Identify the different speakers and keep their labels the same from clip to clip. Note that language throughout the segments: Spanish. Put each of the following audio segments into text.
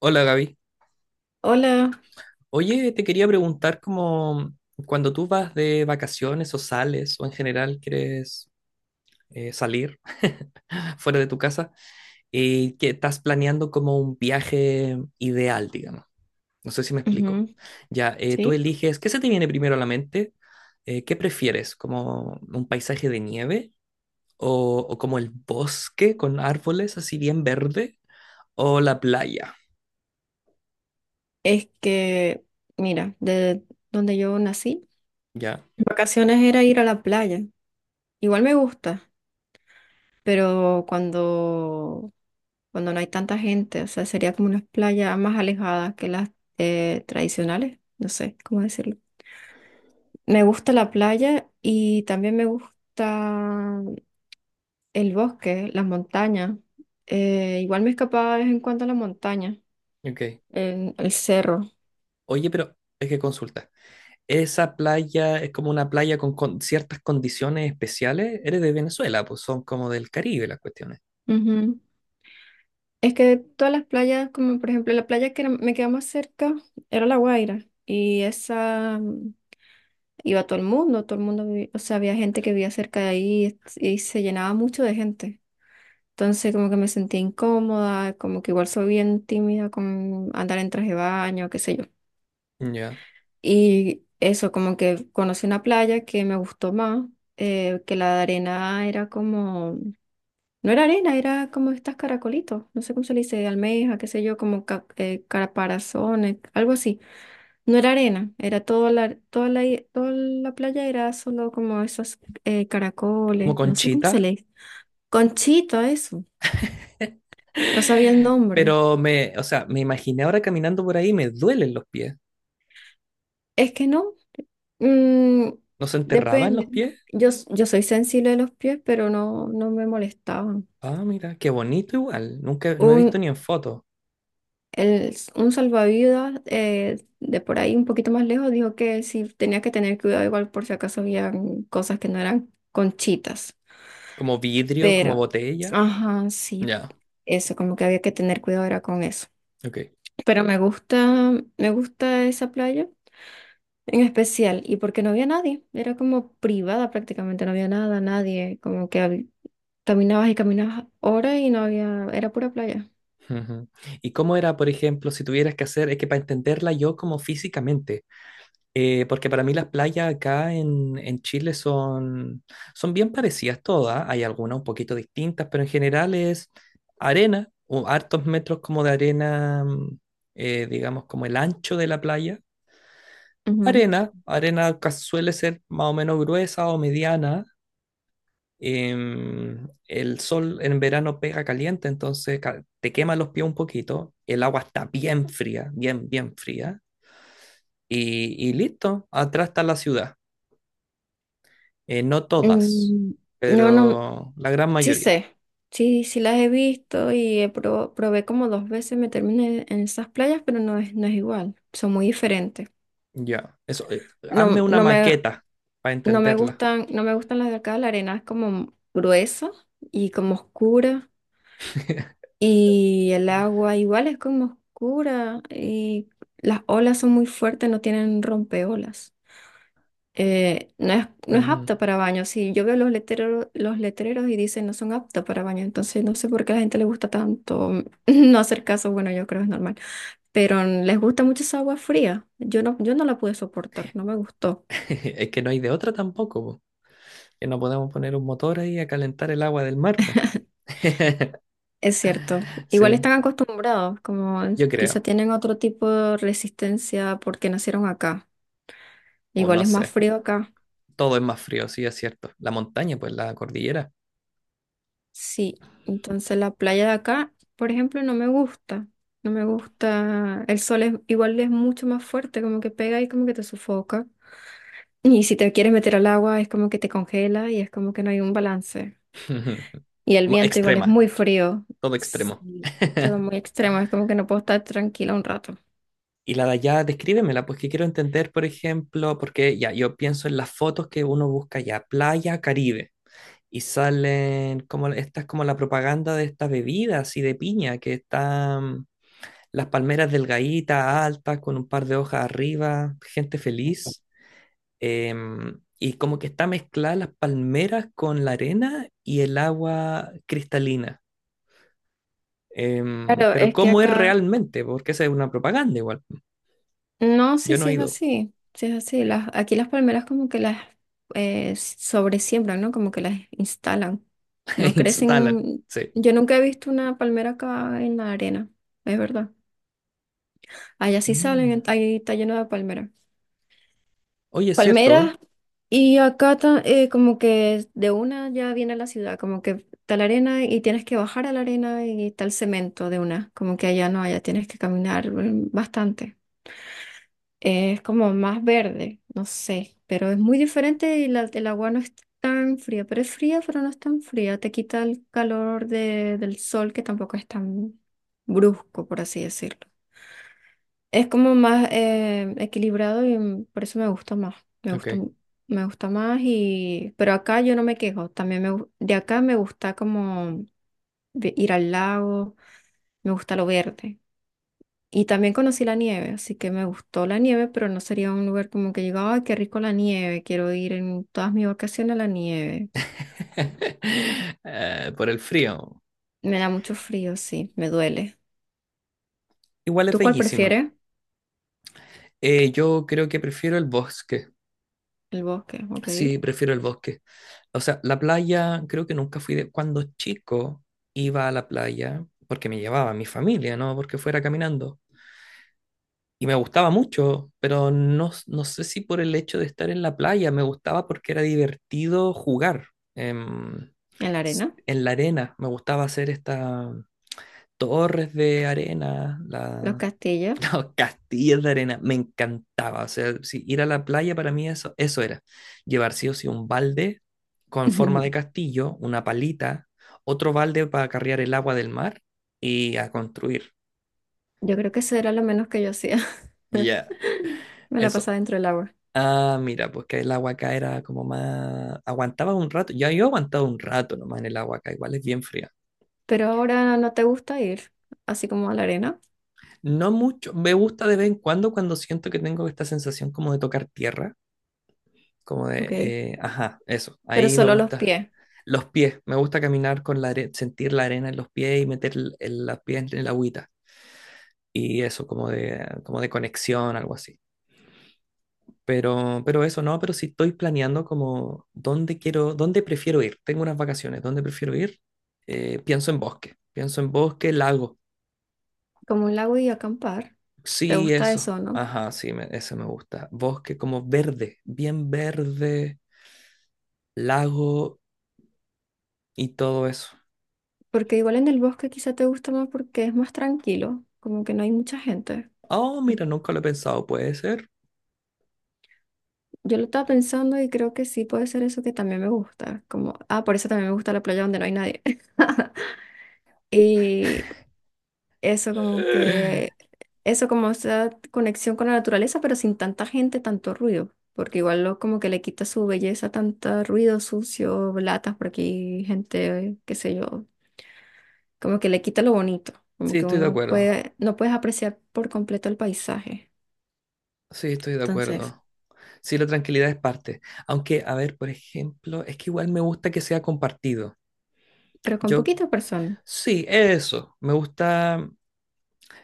Speaker 1: Hola Gaby.
Speaker 2: Hola,
Speaker 1: Oye, te quería preguntar como cuando tú vas de vacaciones o sales o en general quieres salir fuera de tu casa, que estás planeando como un viaje ideal, digamos. No sé si me explico.
Speaker 2: ujú,
Speaker 1: Ya, tú
Speaker 2: sí.
Speaker 1: eliges, ¿qué se te viene primero a la mente? ¿Qué prefieres? ¿Como un paisaje de nieve o como el bosque con árboles así bien verde o la playa?
Speaker 2: Es que, mira, de donde yo nací,
Speaker 1: Ya,
Speaker 2: vacaciones era ir a la playa. Igual me gusta, pero cuando no hay tanta gente, o sea, sería como unas playas más alejadas que las tradicionales, no sé cómo decirlo. Me gusta la playa y también me gusta el bosque, las montañas. Igual me escapaba de vez en cuando a la montaña,
Speaker 1: ok.
Speaker 2: en el cerro.
Speaker 1: Oye, pero es que consulta. Esa playa es como una playa con ciertas condiciones especiales. Eres de Venezuela, pues son como del Caribe las cuestiones.
Speaker 2: Es que todas las playas, como por ejemplo la playa que era- me quedaba más cerca, era La Guaira. Y esa iba todo el mundo, o sea, había gente que vivía cerca de ahí y se llenaba mucho de gente. Entonces como que me sentía incómoda, como que igual soy bien tímida con andar en traje de baño, qué sé yo.
Speaker 1: Ya.
Speaker 2: Y eso, como que conocí una playa que me gustó más, que la de arena era como no era arena, era como estas caracolitos, no sé cómo se le dice, almeja, qué sé yo, caparazones, algo así. No era arena, era toda la playa era solo como esos
Speaker 1: Como
Speaker 2: caracoles, no sé cómo se
Speaker 1: Conchita.
Speaker 2: le dice. Conchita, eso, no sabía el nombre.
Speaker 1: Pero me, o sea, me imaginé ahora caminando por ahí, me duelen los pies.
Speaker 2: Es que no, mm,
Speaker 1: ¿No se enterraban los
Speaker 2: depende.
Speaker 1: pies?
Speaker 2: Yo, yo soy sensible de los pies, pero no, no me molestaban.
Speaker 1: Ah, mira, qué bonito igual. Nunca, no he
Speaker 2: Un
Speaker 1: visto ni en fotos.
Speaker 2: un salvavidas de por ahí un poquito más lejos dijo que sí tenía que tener cuidado igual por si acaso habían cosas que no eran conchitas.
Speaker 1: Como vidrio, como
Speaker 2: Pero,
Speaker 1: botella.
Speaker 2: ajá, sí,
Speaker 1: Ya,
Speaker 2: eso, como que había que tener cuidado era con eso.
Speaker 1: ok.
Speaker 2: Pero me gusta esa playa en especial y porque no había nadie, era como privada prácticamente, no había nada, nadie, caminabas y caminabas horas y no había, era pura playa.
Speaker 1: Ujú. ¿Y cómo era, por ejemplo, si tuvieras que hacer, es que para entenderla yo como físicamente, porque para mí las playas acá en Chile son, son bien parecidas todas. Hay algunas un poquito distintas, pero en general es arena, o hartos metros como de arena, digamos como el ancho de la playa.
Speaker 2: Ujú.
Speaker 1: Arena, arena que suele ser más o menos gruesa o mediana. El sol en verano pega caliente, entonces te quema los pies un poquito. El agua está bien fría, bien, bien fría. Y listo, atrás está la ciudad. No todas,
Speaker 2: Mm, no, no.
Speaker 1: pero la gran
Speaker 2: Sí
Speaker 1: mayoría.
Speaker 2: sé, sí, sí las he visto y he probé como dos veces meterme en esas playas, pero no es, no es igual, son muy diferentes.
Speaker 1: Ya, eso. Hazme
Speaker 2: No,
Speaker 1: una maqueta para
Speaker 2: no me
Speaker 1: entenderla.
Speaker 2: gustan, no me gustan las de acá, la arena es como gruesa y como oscura y el agua igual es como oscura y las olas son muy fuertes, no tienen rompeolas. No es, no es
Speaker 1: Ah,
Speaker 2: apta para baño. Si yo veo los letreros y dicen no son aptas para baño, entonces no sé por qué a la gente le gusta tanto no hacer caso. Bueno, yo creo que es normal. Pero les gusta mucho esa agua fría. Yo no, yo no la pude soportar, no me gustó.
Speaker 1: es que no hay de otra tampoco, po. Que no podemos poner un motor ahí a calentar el agua del mar, pues.
Speaker 2: Es cierto. Igual
Speaker 1: Sí,
Speaker 2: están acostumbrados, como
Speaker 1: yo
Speaker 2: quizá
Speaker 1: creo.
Speaker 2: tienen otro tipo de resistencia porque nacieron acá.
Speaker 1: O
Speaker 2: Igual
Speaker 1: no
Speaker 2: es más
Speaker 1: sé.
Speaker 2: frío acá.
Speaker 1: Todo es más frío, sí, es cierto. La montaña, pues la cordillera.
Speaker 2: Sí, entonces la playa de acá, por ejemplo, no me gusta. No me gusta. El sol es igual es mucho más fuerte, como que pega y como que te sufoca. Y si te quieres meter al agua, es como que te congela y es como que no hay un balance. Y el viento igual es
Speaker 1: Extrema,
Speaker 2: muy frío.
Speaker 1: todo extremo.
Speaker 2: Sí. Todo muy extremo, es como que no puedo estar tranquila un rato.
Speaker 1: Y la de allá, descríbemela, pues que quiero entender, por ejemplo, porque ya yo pienso en las fotos que uno busca ya, playa, Caribe. Y salen como esta es como la propaganda de esta bebida así de piña que están las palmeras delgaditas, altas, con un par de hojas arriba, gente feliz. Em, y como que está mezclada las palmeras con la arena y el agua cristalina. Em,
Speaker 2: Claro,
Speaker 1: pero
Speaker 2: es que
Speaker 1: ¿cómo es
Speaker 2: acá,
Speaker 1: realmente? Porque esa es una propaganda igual.
Speaker 2: no, sí,
Speaker 1: Yo no
Speaker 2: sí
Speaker 1: he
Speaker 2: es
Speaker 1: ido.
Speaker 2: así. Sí es así. Las, aquí las palmeras como que las sobresiembran, ¿no? Como que las instalan. No
Speaker 1: Instalan.
Speaker 2: crecen,
Speaker 1: Sí.
Speaker 2: yo nunca he visto una palmera acá en la arena, es verdad. Allá sí salen,
Speaker 1: Mm.
Speaker 2: ahí está lleno de palmeras.
Speaker 1: Oye, es
Speaker 2: Palmeras,
Speaker 1: cierto.
Speaker 2: y acá, como que de una ya viene la ciudad, como que está la arena y tienes que bajar a la arena y está el cemento de una, como que allá no, allá tienes que caminar bastante. Es como más verde, no sé, pero es muy diferente y la, el agua no es tan fría, pero es fría, pero no es tan fría. Te quita el calor del sol, que tampoco es tan brusco, por así decirlo. Es como más equilibrado y por eso me gusta más. Me
Speaker 1: ¿Eh? Ok.
Speaker 2: gusta, mu- Me gusta más y... Pero acá yo no me quejo. De acá me gusta como ir al lago, me gusta lo verde. Y también conocí la nieve, así que me gustó la nieve, pero no sería un lugar como que llegaba, ay, qué rico la nieve, quiero ir en todas mis vacaciones a la nieve.
Speaker 1: Por el frío.
Speaker 2: Me da mucho frío, sí, me duele.
Speaker 1: Igual es
Speaker 2: ¿Tú cuál
Speaker 1: bellísima.
Speaker 2: prefieres?
Speaker 1: Yo creo que prefiero el bosque.
Speaker 2: El bosque, ok.
Speaker 1: Sí,
Speaker 2: En
Speaker 1: prefiero el bosque. O sea, la playa, creo que nunca fui de... Cuando chico iba a la playa, porque me llevaba mi familia, ¿no? Porque fuera caminando. Y me gustaba mucho, pero no, no sé si por el hecho de estar en la playa, me gustaba porque era divertido jugar. Em,
Speaker 2: la arena,
Speaker 1: en la arena, me gustaba hacer estas torres de arena,
Speaker 2: los castillos.
Speaker 1: encantaba, castillos de arena, me encantaba. O sea, si ir a la playa para mí eso, eso era. Llevar sí o sí un balde con forma de castillo, una palita, otro balde para carrear el agua del mar y a construir.
Speaker 2: Yo creo que eso era lo menos que yo hacía.
Speaker 1: Ya,
Speaker 2: Me la
Speaker 1: eso.
Speaker 2: pasaba dentro del agua.
Speaker 1: Ah, mira, pues que el agua acá era como más... Aguantaba un rato, ya yo aguantaba un rato nomás en el agua acá, igual es bien fría.
Speaker 2: Pero ahora no te gusta ir, así como a la arena,
Speaker 1: No mucho, me gusta de vez en cuando cuando siento que tengo esta sensación como de tocar tierra, como
Speaker 2: ok.
Speaker 1: de, ajá, eso,
Speaker 2: Pero
Speaker 1: ahí me
Speaker 2: solo los
Speaker 1: gusta.
Speaker 2: pies,
Speaker 1: Los pies, me gusta caminar con la arena, sentir la arena en los pies y meter las pies en el agüita. Y eso, como de conexión, algo así. Pero eso no, pero si estoy planeando como dónde quiero, dónde prefiero ir. Tengo unas vacaciones, ¿dónde prefiero ir? Pienso en bosque, lago.
Speaker 2: como un lago y acampar. ¿Te
Speaker 1: Sí,
Speaker 2: gusta
Speaker 1: eso.
Speaker 2: eso, no
Speaker 1: Ajá, sí, ese me gusta. Bosque como verde, bien verde, lago y todo eso.
Speaker 2: porque igual en el bosque quizá te gusta más porque es más tranquilo, como que no hay mucha gente.
Speaker 1: Oh,
Speaker 2: Y
Speaker 1: mira, nunca lo he pensado, puede ser.
Speaker 2: yo lo estaba pensando y creo que sí puede ser eso que también me gusta. Como, ah, por eso también me gusta la playa donde no hay nadie. Y eso como que, eso como esa conexión con la naturaleza, pero sin tanta gente, tanto ruido. Porque igual lo, como que le quita su belleza, tanto ruido sucio, latas por aquí, gente, qué sé yo. Como que le quita lo bonito. Como
Speaker 1: Sí,
Speaker 2: que
Speaker 1: estoy de
Speaker 2: uno
Speaker 1: acuerdo.
Speaker 2: puede, no puedes apreciar por completo el paisaje.
Speaker 1: Sí, estoy de
Speaker 2: Entonces,
Speaker 1: acuerdo. Sí, la tranquilidad es parte. Aunque, a ver, por ejemplo, es que igual me gusta que sea compartido.
Speaker 2: pero con
Speaker 1: Yo,
Speaker 2: poquita persona,
Speaker 1: sí, eso. Me gusta.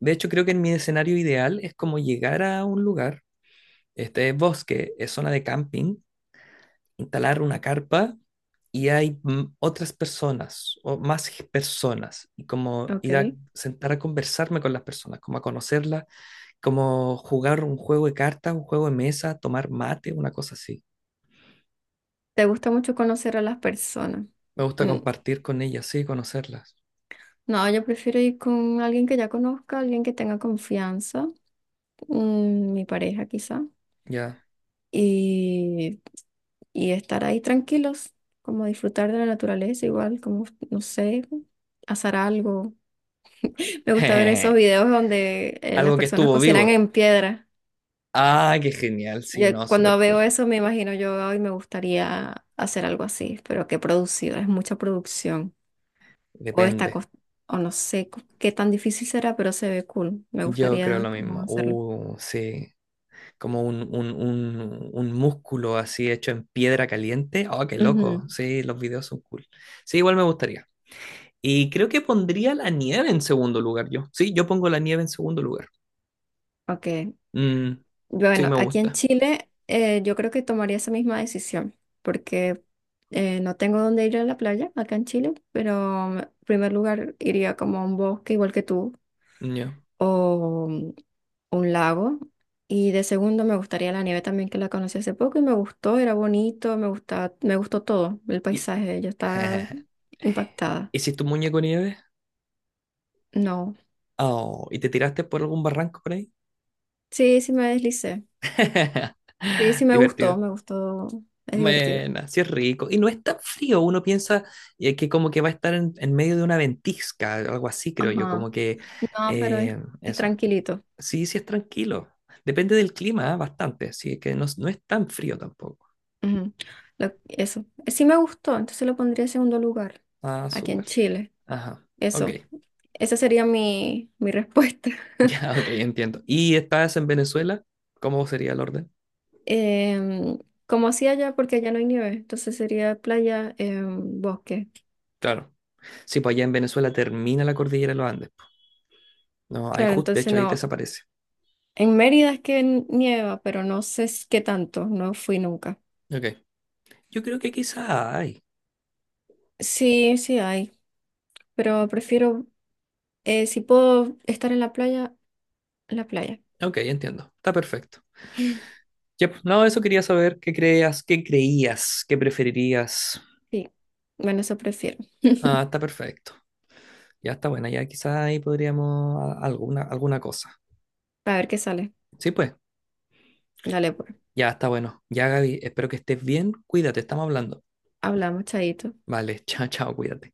Speaker 1: De hecho, creo que en mi escenario ideal es como llegar a un lugar. Este es bosque, es zona de camping, instalar una carpa y hay otras personas o más personas. Y como
Speaker 2: ¿ok?
Speaker 1: ir a sentar a conversarme con las personas, como a conocerlas, como jugar un juego de cartas, un juego de mesa, tomar mate, una cosa así.
Speaker 2: ¿Te gusta mucho conocer a las personas?
Speaker 1: Me gusta
Speaker 2: Mm,
Speaker 1: compartir con ellas, sí, conocerlas.
Speaker 2: no, yo prefiero ir con alguien que ya conozca, alguien que tenga confianza, mi pareja quizá,
Speaker 1: Ya.
Speaker 2: y, y estar ahí tranquilos, como disfrutar de la naturaleza igual, como, no sé, asar algo. Me gusta ver esos videos donde las
Speaker 1: Algo que
Speaker 2: personas
Speaker 1: estuvo
Speaker 2: cocinan
Speaker 1: vivo.
Speaker 2: en piedra.
Speaker 1: Ah, qué genial.
Speaker 2: Yo
Speaker 1: Sí, no,
Speaker 2: cuando
Speaker 1: súper
Speaker 2: veo
Speaker 1: cool.
Speaker 2: eso me imagino yo hoy me gustaría hacer algo así, pero qué producido, es mucha producción. O está,
Speaker 1: Depende.
Speaker 2: cos- o no sé qué tan difícil será, pero se ve cool. Me
Speaker 1: Yo creo
Speaker 2: gustaría
Speaker 1: lo
Speaker 2: cómo
Speaker 1: mismo.
Speaker 2: hacerlo.
Speaker 1: Sí. Como un músculo así hecho en piedra caliente. Oh, qué loco.
Speaker 2: Ujú,
Speaker 1: Sí, los videos son cool. Sí, igual me gustaría. Y creo que pondría la nieve en segundo lugar yo. Sí, yo pongo la nieve en segundo lugar.
Speaker 2: ok.
Speaker 1: Mm, sí,
Speaker 2: Bueno,
Speaker 1: me
Speaker 2: aquí en
Speaker 1: gusta.
Speaker 2: Chile yo creo que tomaría esa misma decisión, porque no tengo dónde ir a la playa acá en Chile, pero en primer lugar iría como a un bosque igual que tú,
Speaker 1: Yo
Speaker 2: o un lago. Y de segundo me gustaría la nieve también, que la conocí hace poco y me gustó, era bonito, me gusta, me gustó todo, el
Speaker 1: y...
Speaker 2: paisaje, yo estaba impactada.
Speaker 1: ¿Hiciste un muñeco nieve?
Speaker 2: No.
Speaker 1: Oh, ¿y te tiraste por algún barranco por ahí?
Speaker 2: Sí, sí me deslicé. Sí, sí me gustó,
Speaker 1: Divertido.
Speaker 2: me gustó. Es divertido.
Speaker 1: Bueno, así es rico. Y no es tan frío, uno piensa que como que va a estar en medio de una ventisca, algo así, creo yo,
Speaker 2: Ajá.
Speaker 1: como que
Speaker 2: No, pero es
Speaker 1: eso.
Speaker 2: tranquilito.
Speaker 1: Sí, sí es tranquilo. Depende del clima, ah, bastante, sí, que no, no es tan frío tampoco.
Speaker 2: Ujú. Lo- eso. Sí me gustó, entonces lo pondría en segundo lugar,
Speaker 1: Ah,
Speaker 2: aquí en
Speaker 1: súper.
Speaker 2: Chile.
Speaker 1: Ajá, ok.
Speaker 2: Eso. Esa sería mi, mi respuesta.
Speaker 1: Ya, ok, entiendo. ¿Y estás en Venezuela? ¿Cómo sería el orden?
Speaker 2: Em, Como así allá, porque allá no hay nieve, entonces sería playa, em, bosque.
Speaker 1: Claro. Sí, pues allá en Venezuela termina la cordillera de los Andes. No, ahí
Speaker 2: Claro,
Speaker 1: justo, de
Speaker 2: entonces
Speaker 1: hecho, ahí
Speaker 2: no.
Speaker 1: desaparece.
Speaker 2: En Mérida es que nieva, pero no sé qué tanto, no fui nunca.
Speaker 1: Ok. Yo creo que quizá hay.
Speaker 2: Sí, sí hay, pero prefiero si puedo estar en la playa, en la playa.
Speaker 1: Ok, entiendo. Está perfecto. Ya, pues, no, eso quería saber qué creías, qué creías, qué preferirías.
Speaker 2: Sí, bueno, eso prefiero.
Speaker 1: Ah, está perfecto. Ya está buena. Ya quizá ahí podríamos alguna, alguna cosa.
Speaker 2: A ver qué sale.
Speaker 1: Sí, pues,
Speaker 2: Dale, pues.
Speaker 1: ya está bueno. Ya, Gaby, espero que estés bien. Cuídate, estamos hablando.
Speaker 2: Hablamos, chaito.
Speaker 1: Vale, chao, chao, cuídate.